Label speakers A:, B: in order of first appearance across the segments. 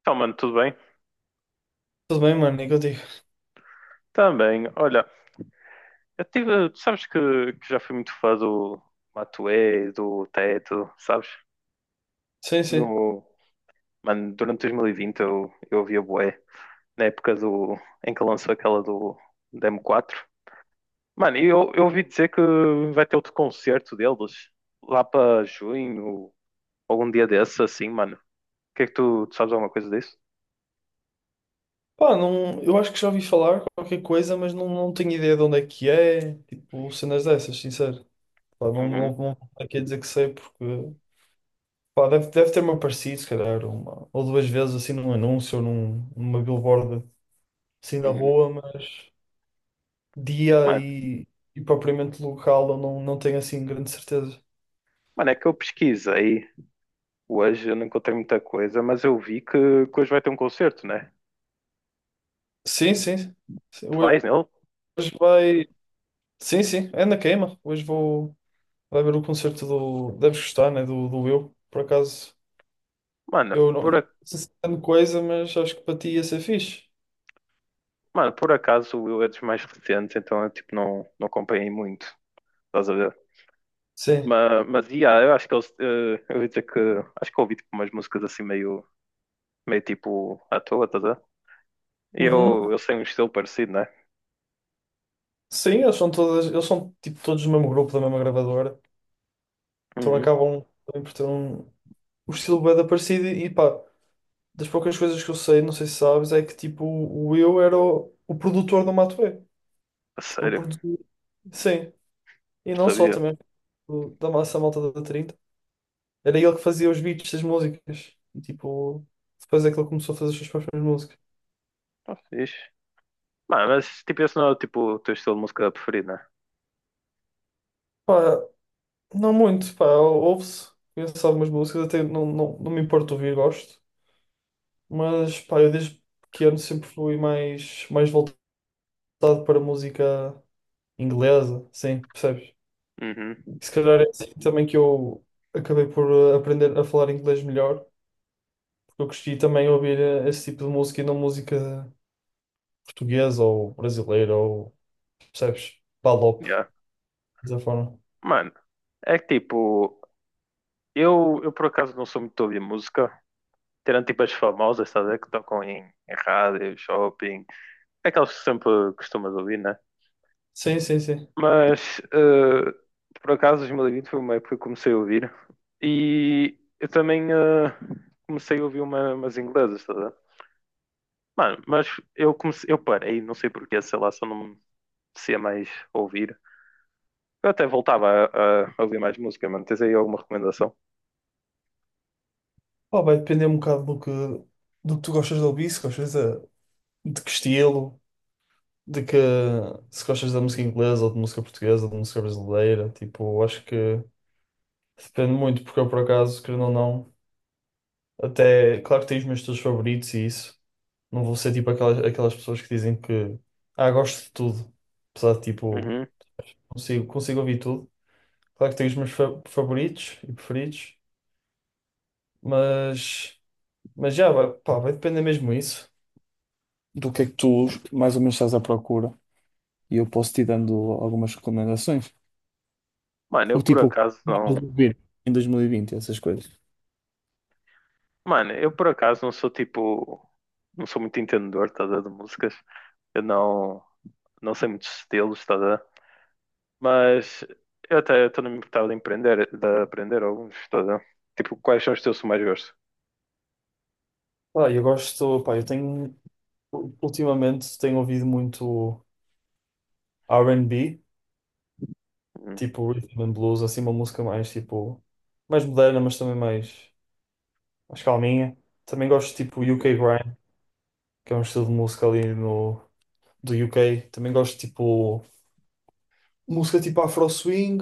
A: Então, mano, tudo bem?
B: Tudo bem, mano, e contigo?
A: Também, olha, eu tive, tu sabes que já fui muito fã do Matuê, do Teto, sabes?
B: Sim, sim.
A: No, mano, durante 2020 eu ouvia bué, na época do, em que lançou aquela do Demo 4. Mano, e eu ouvi dizer que vai ter outro concerto deles lá para junho, algum dia desses, assim, mano. O que é que tu sabes alguma coisa disso?
B: Pá, não, eu acho que já ouvi falar qualquer coisa, mas não, não tenho ideia de onde é que é, tipo, cenas dessas, sincero. Pá, não,
A: Uhum,
B: não, não estou aqui a dizer que sei, porque, pá, deve ter-me aparecido, se calhar, uma ou duas vezes, assim, num anúncio ou numa billboard, assim, na
A: uhum.
B: rua, mas dia
A: Mano,
B: e propriamente local eu não, não tenho, assim, grande certeza.
A: mano, é que eu pesquisei hoje. Eu não encontrei muita coisa, mas eu vi que hoje vai ter um concerto, né?
B: Sim, sim. Sim,
A: Tu vais nele?
B: hoje vai... Sim, sim, é na queima. Hoje vou... Vai ver o concerto do. Deves gostar, né? Do Eu. Por acaso,
A: Mano,
B: eu não, não sei se é grande coisa, mas acho que para ti ia ser fixe.
A: mano, por acaso eu é dos mais recentes, então eu tipo, não acompanhei muito, estás a ver?
B: Sim.
A: Mas yeah, eu acho que eles, eu ia dizer que acho que eu ouvi tipo, umas músicas assim meio, meio tipo à toa, estás a ver? E
B: Uhum.
A: eu sei um estilo parecido, né?
B: Sim, eles são tipo todos do mesmo grupo, da mesma gravadora. Então
A: Uhum.
B: acabam também por ter o estilo bem parecido e pá, das poucas coisas que eu sei, não sei se sabes, é que tipo o Will era o produtor do Matuê.
A: A
B: Tipo, ele
A: sério,
B: produziu. Sim. E
A: não
B: não só
A: sabia.
B: também da massa malta da Trinta. Era ele que fazia os beats das músicas. E tipo, depois é que ele começou a fazer as suas próprias músicas.
A: Tá fixe. Mano, mas tipo, esse não é tipo, o teu estilo de música preferido, né?
B: Pá, não muito, pá, ouve-se. Conheço algumas músicas, até não, não, não me importo ouvir, gosto. Mas pá, eu desde pequeno sempre fui mais, mais voltado para música inglesa, sim, percebes?
A: Uhum.
B: E se calhar é assim também que eu acabei por aprender a falar inglês melhor, porque eu cresci também a ouvir esse tipo de música e não música portuguesa ou brasileira ou, percebes? PALOP,
A: Yeah.
B: dessa forma.
A: Mano, é que tipo. Eu por acaso não sou muito de ouvir música, tirando tipo as famosas, estás a ver, que tocam em rádio, shopping, aquelas que sempre costumas ouvir, né?
B: Sim, sim, sim.
A: Mas por acaso 2020 foi uma época que eu comecei a ouvir e eu também comecei a ouvir umas inglesas, estás a ver? Mano, mas eu comecei, eu parei, não sei porquê, sei lá, só não me a mais ouvir. Eu até voltava a ouvir mais música, mano. Tens aí alguma recomendação?
B: Pá, vai depender um bocado do que tu gostas de ouvir, se gostas de que estilo, de que se gostas da música inglesa ou de música portuguesa ou de música brasileira. Tipo, eu acho que depende muito, porque eu por acaso, querendo ou não, até claro que tenho os meus estilos favoritos e isso. Não vou ser tipo aquelas pessoas que dizem que gosto de tudo. Apesar de tipo,
A: Uhum.
B: consigo ouvir tudo. Claro que tenho os meus favoritos e preferidos, mas, mas já vai, pá, vai depender mesmo isso, do que é que tu mais ou menos estás à procura e eu posso te ir dando algumas recomendações.
A: Mano, eu
B: O
A: por
B: tipo, o
A: acaso
B: que estavas
A: não.
B: a ouvir em 2020, essas coisas.
A: Mano, eu por acaso não sou tipo. Não sou muito entendedor, tá, a ver, de músicas. Eu não, não sei muitos estilos, tá, a ver? Mas eu até estou me importava de empreender, de aprender alguns, tá, a ver? Tipo, quais são os teus que mais gosto?
B: Ah, eu gosto, pá, eu tenho, ultimamente tenho ouvido muito R&B,
A: Uhum.
B: tipo rhythm and blues, assim uma música mais tipo, mais moderna, mas também mais, mais calminha. Também gosto tipo UK Grime, que é um estilo de música ali no, do UK. Também gosto tipo, música tipo Afro Swing.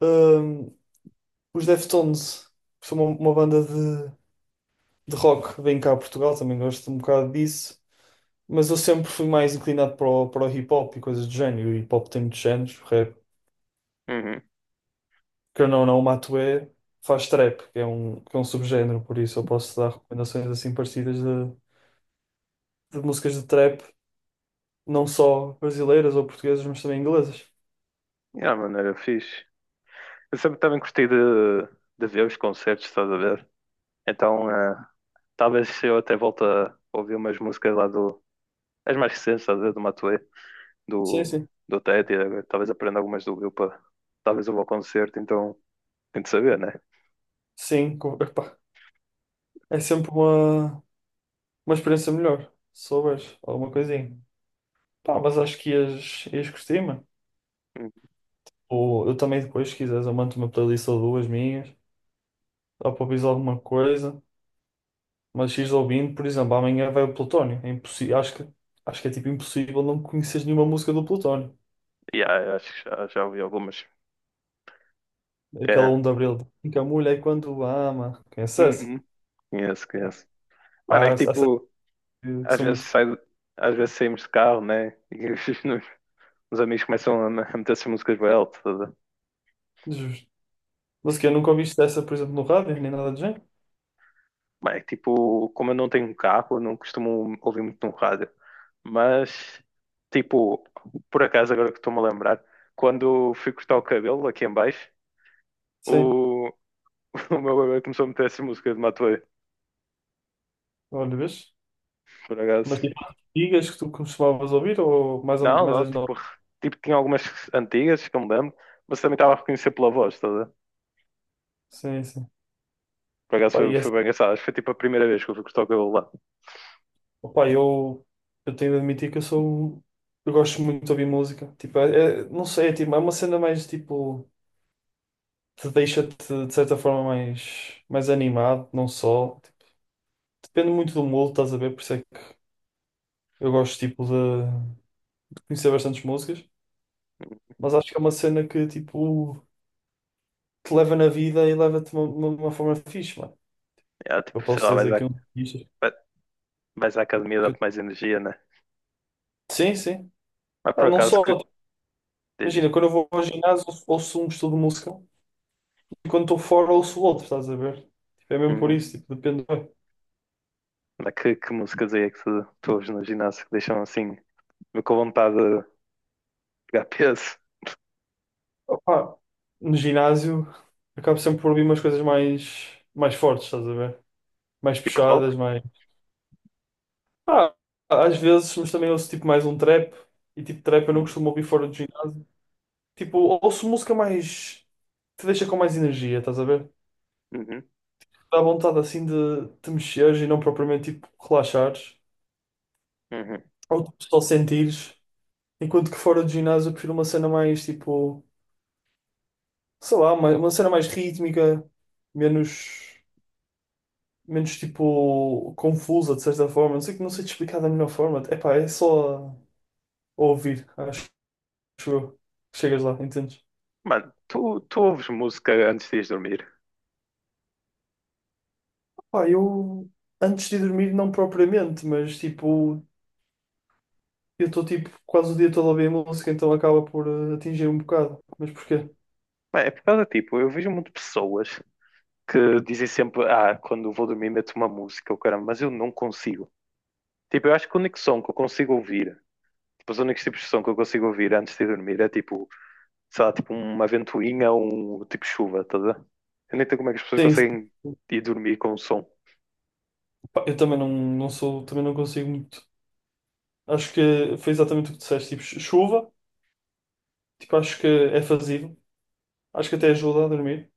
B: Hum, os Deftones, que são uma banda de rock vem cá a Portugal, também gosto um bocado disso, mas eu sempre fui mais inclinado para o hip hop e coisas do género. E o hip hop tem muitos géneros, o rap,
A: Uhum.
B: que eu não, não, o Matuê faz trap, que é um subgénero, por isso eu posso dar recomendações assim parecidas de músicas de trap, não só brasileiras ou portuguesas, mas também inglesas.
A: Yeah, mano, era fixe. Eu sempre também gostei de ver os concertos, estás a ver? Então, talvez eu até volte a ouvir umas músicas lá do. As mais recentes, estás a ver? Do Matuê.
B: Sim,
A: Do,
B: sim.
A: do Tete, agora talvez aprenda algumas do Will para talvez eu vou ao concerto, então tem de saber, né?
B: Sim, epá, é sempre uma experiência melhor, se souberes alguma coisinha. Pá, mas acho que ias curtir, mano.
A: Hum,
B: Ou eu também depois, se quiseres, eu mando uma playlist ou duas minhas. Dá para ouvir alguma coisa, mas ires ouvindo, por exemplo, amanhã vai o Plutónio. É impossível, acho que é tipo impossível não conheces nenhuma música do Plutónio.
A: yeah, eu acho que já ouvi algumas.
B: Aquela
A: É.
B: um de abril, que a mulher quando ama, conhece essa?
A: Uhum. Conheço,
B: Yeah.
A: conheço. Mano, é
B: Há,
A: que
B: há certas
A: tipo,
B: que
A: às
B: são
A: vezes
B: muito
A: sai, às vezes saímos de carro, né? E os amigos começam a meter essas músicas bem alto.
B: justas. Mas que eu nunca ouviste essa, por exemplo, no rádio, nem nada do género?
A: Bem, tipo, como eu não tenho um carro, eu não costumo ouvir muito no rádio. Mas, tipo, por acaso, agora que estou-me a lembrar, quando fui cortar o cabelo aqui em baixo,
B: Sim,
A: o, o meu bebê começou a meter essa música de Matuê,
B: olha, vês?
A: por
B: Mas
A: acaso.
B: tipo, as antigas que tu costumavas ouvir ou mais,
A: Não,
B: mais
A: não,
B: as
A: tipo,
B: novas?
A: tipo, tinha algumas antigas que eu me lembro, mas também estava a reconhecer pela voz, toda.
B: Sim, sim.
A: Por acaso
B: Pá, e
A: foi
B: essa.
A: bem engraçado. Acho que foi tipo a primeira vez que eu fui cortar o cabelo lá.
B: Opa, eu tenho de admitir que eu sou. um, Eu gosto muito de ouvir música. Tipo, é, não sei, é, tipo, é uma cena mais tipo. Te deixa-te de certa forma mais, mais animado, não só. Tipo, depende muito do mood, estás a ver? Por isso é que eu gosto tipo, de conhecer bastantes músicas. Mas acho que é uma cena que tipo, te leva na vida e leva-te de uma forma fixe, mano.
A: É,
B: Eu
A: tipo, sei
B: posso
A: lá,
B: dizer aqui um.
A: vai- vais à academia, dá-te mais energia, né?
B: Sim, sim.
A: Mas
B: Ah,
A: por
B: não
A: acaso
B: só.
A: que dizes?
B: Imagina, quando eu vou ao ginásio, ouço um estudo de música. E quando estou fora ouço o outro, estás a ver? Tipo, é mesmo por
A: Uhum.
B: isso, tipo, depende.
A: Mas que músicas aí é que tu ouves no ginásio que deixam assim, com vontade de pegar peso?
B: Opá, no ginásio acabo sempre por ouvir umas coisas mais, mais fortes, estás a ver? Mais
A: Tipo
B: puxadas,
A: rock?
B: mais. Ah, às vezes, mas também ouço tipo mais um trap e tipo trap eu não costumo ouvir fora do ginásio. Tipo, ouço música mais, te deixa com mais energia, estás a ver?
A: Uhum.
B: Dá vontade assim de te mexeres e não propriamente tipo relaxares
A: Uhum.
B: ou tipo, só sentires. Enquanto que fora do ginásio eu prefiro uma cena mais tipo, sei lá, uma cena mais rítmica, menos, menos tipo confusa de certa forma. Não sei, não sei te explicar da melhor forma. Epá, é só ouvir, acho eu. Chegas lá, entendes?
A: Mano, tu ouves música antes de ires dormir?
B: Pá, eu antes de dormir, não propriamente, mas tipo, eu estou tipo quase o dia todo a ouvir música, então acaba por atingir um bocado. Mas porquê?
A: Mano, é por causa, tipo, eu vejo muito pessoas que dizem sempre, ah, quando vou dormir meto uma música, o caramba, mas eu não consigo. Tipo, eu acho que o único som que eu consigo ouvir, tipo, os únicos tipos de som que eu consigo ouvir antes de dormir é tipo, sei lá, tipo uma ventoinha ou um tipo chuva, tá a ver? Eu nem sei como é que as pessoas
B: Sim, sim.
A: conseguem ir dormir com o som.
B: Pá, eu também não, não sou, também não consigo muito. Acho que foi exatamente o que disseste, tipo, chuva, tipo, acho que é fazível, acho que até ajuda a dormir.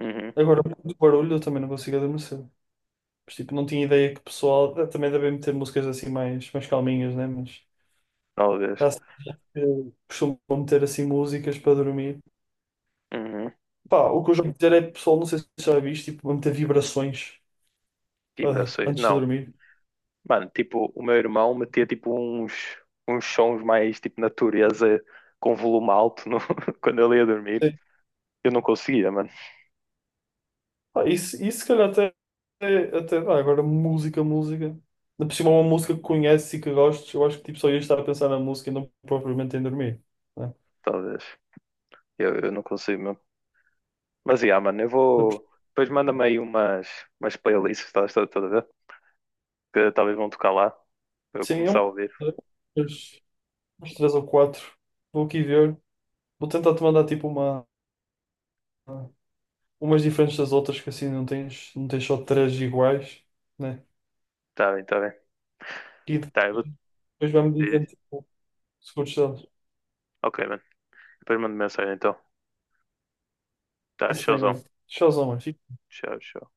A: Uhum.
B: Agora, por muito barulho, eu também não consigo adormecer. Mas, tipo, não tinha ideia que o pessoal também devem meter músicas assim mais, mais calminhas, né? Mas
A: Oh, Deus.
B: já sei que costumam meter assim músicas para dormir.
A: Uhum.
B: Pá, o que eu já ouvi dizer é, pessoal, não sei se já viste, tipo, vão meter vibrações
A: Vibrações.
B: antes de
A: Não.
B: dormir.
A: Mano, tipo, o meu irmão metia tipo uns sons mais tipo natureza com volume alto no- quando ele ia dormir.
B: Sim.
A: Eu não conseguia, mano.
B: Pá, isso, se calhar, até dá. Agora, música, música. Ainda por cima, uma música que conheces e que gostes, eu acho que tipo, só ia estar a pensar na música e não propriamente em dormir. Né?
A: Talvez. Eu não consigo mesmo. Mas yeah, mano, eu
B: Ainda por-
A: vou. Depois manda-me aí umas playlists, estás tá, tá, tá, a ver? Que talvez vão tocar lá. Para eu
B: Sim, é
A: começar a
B: uma.
A: ouvir.
B: Uns três ou quatro. Vou aqui ver. Vou tentar te mandar tipo umas diferentes das outras, que assim não tens, não tens só três iguais, né?
A: Tá bem, tá bem.
B: E
A: Tá, eu vou.
B: depois vai-me
A: Diz.
B: dizendo tipo, se curtes delas.
A: Ok, mano. Depois mando mensagem então. Tá,
B: Está-se bem,
A: showzão.
B: olha. Tchauzão, mano.
A: Tchau, tchau.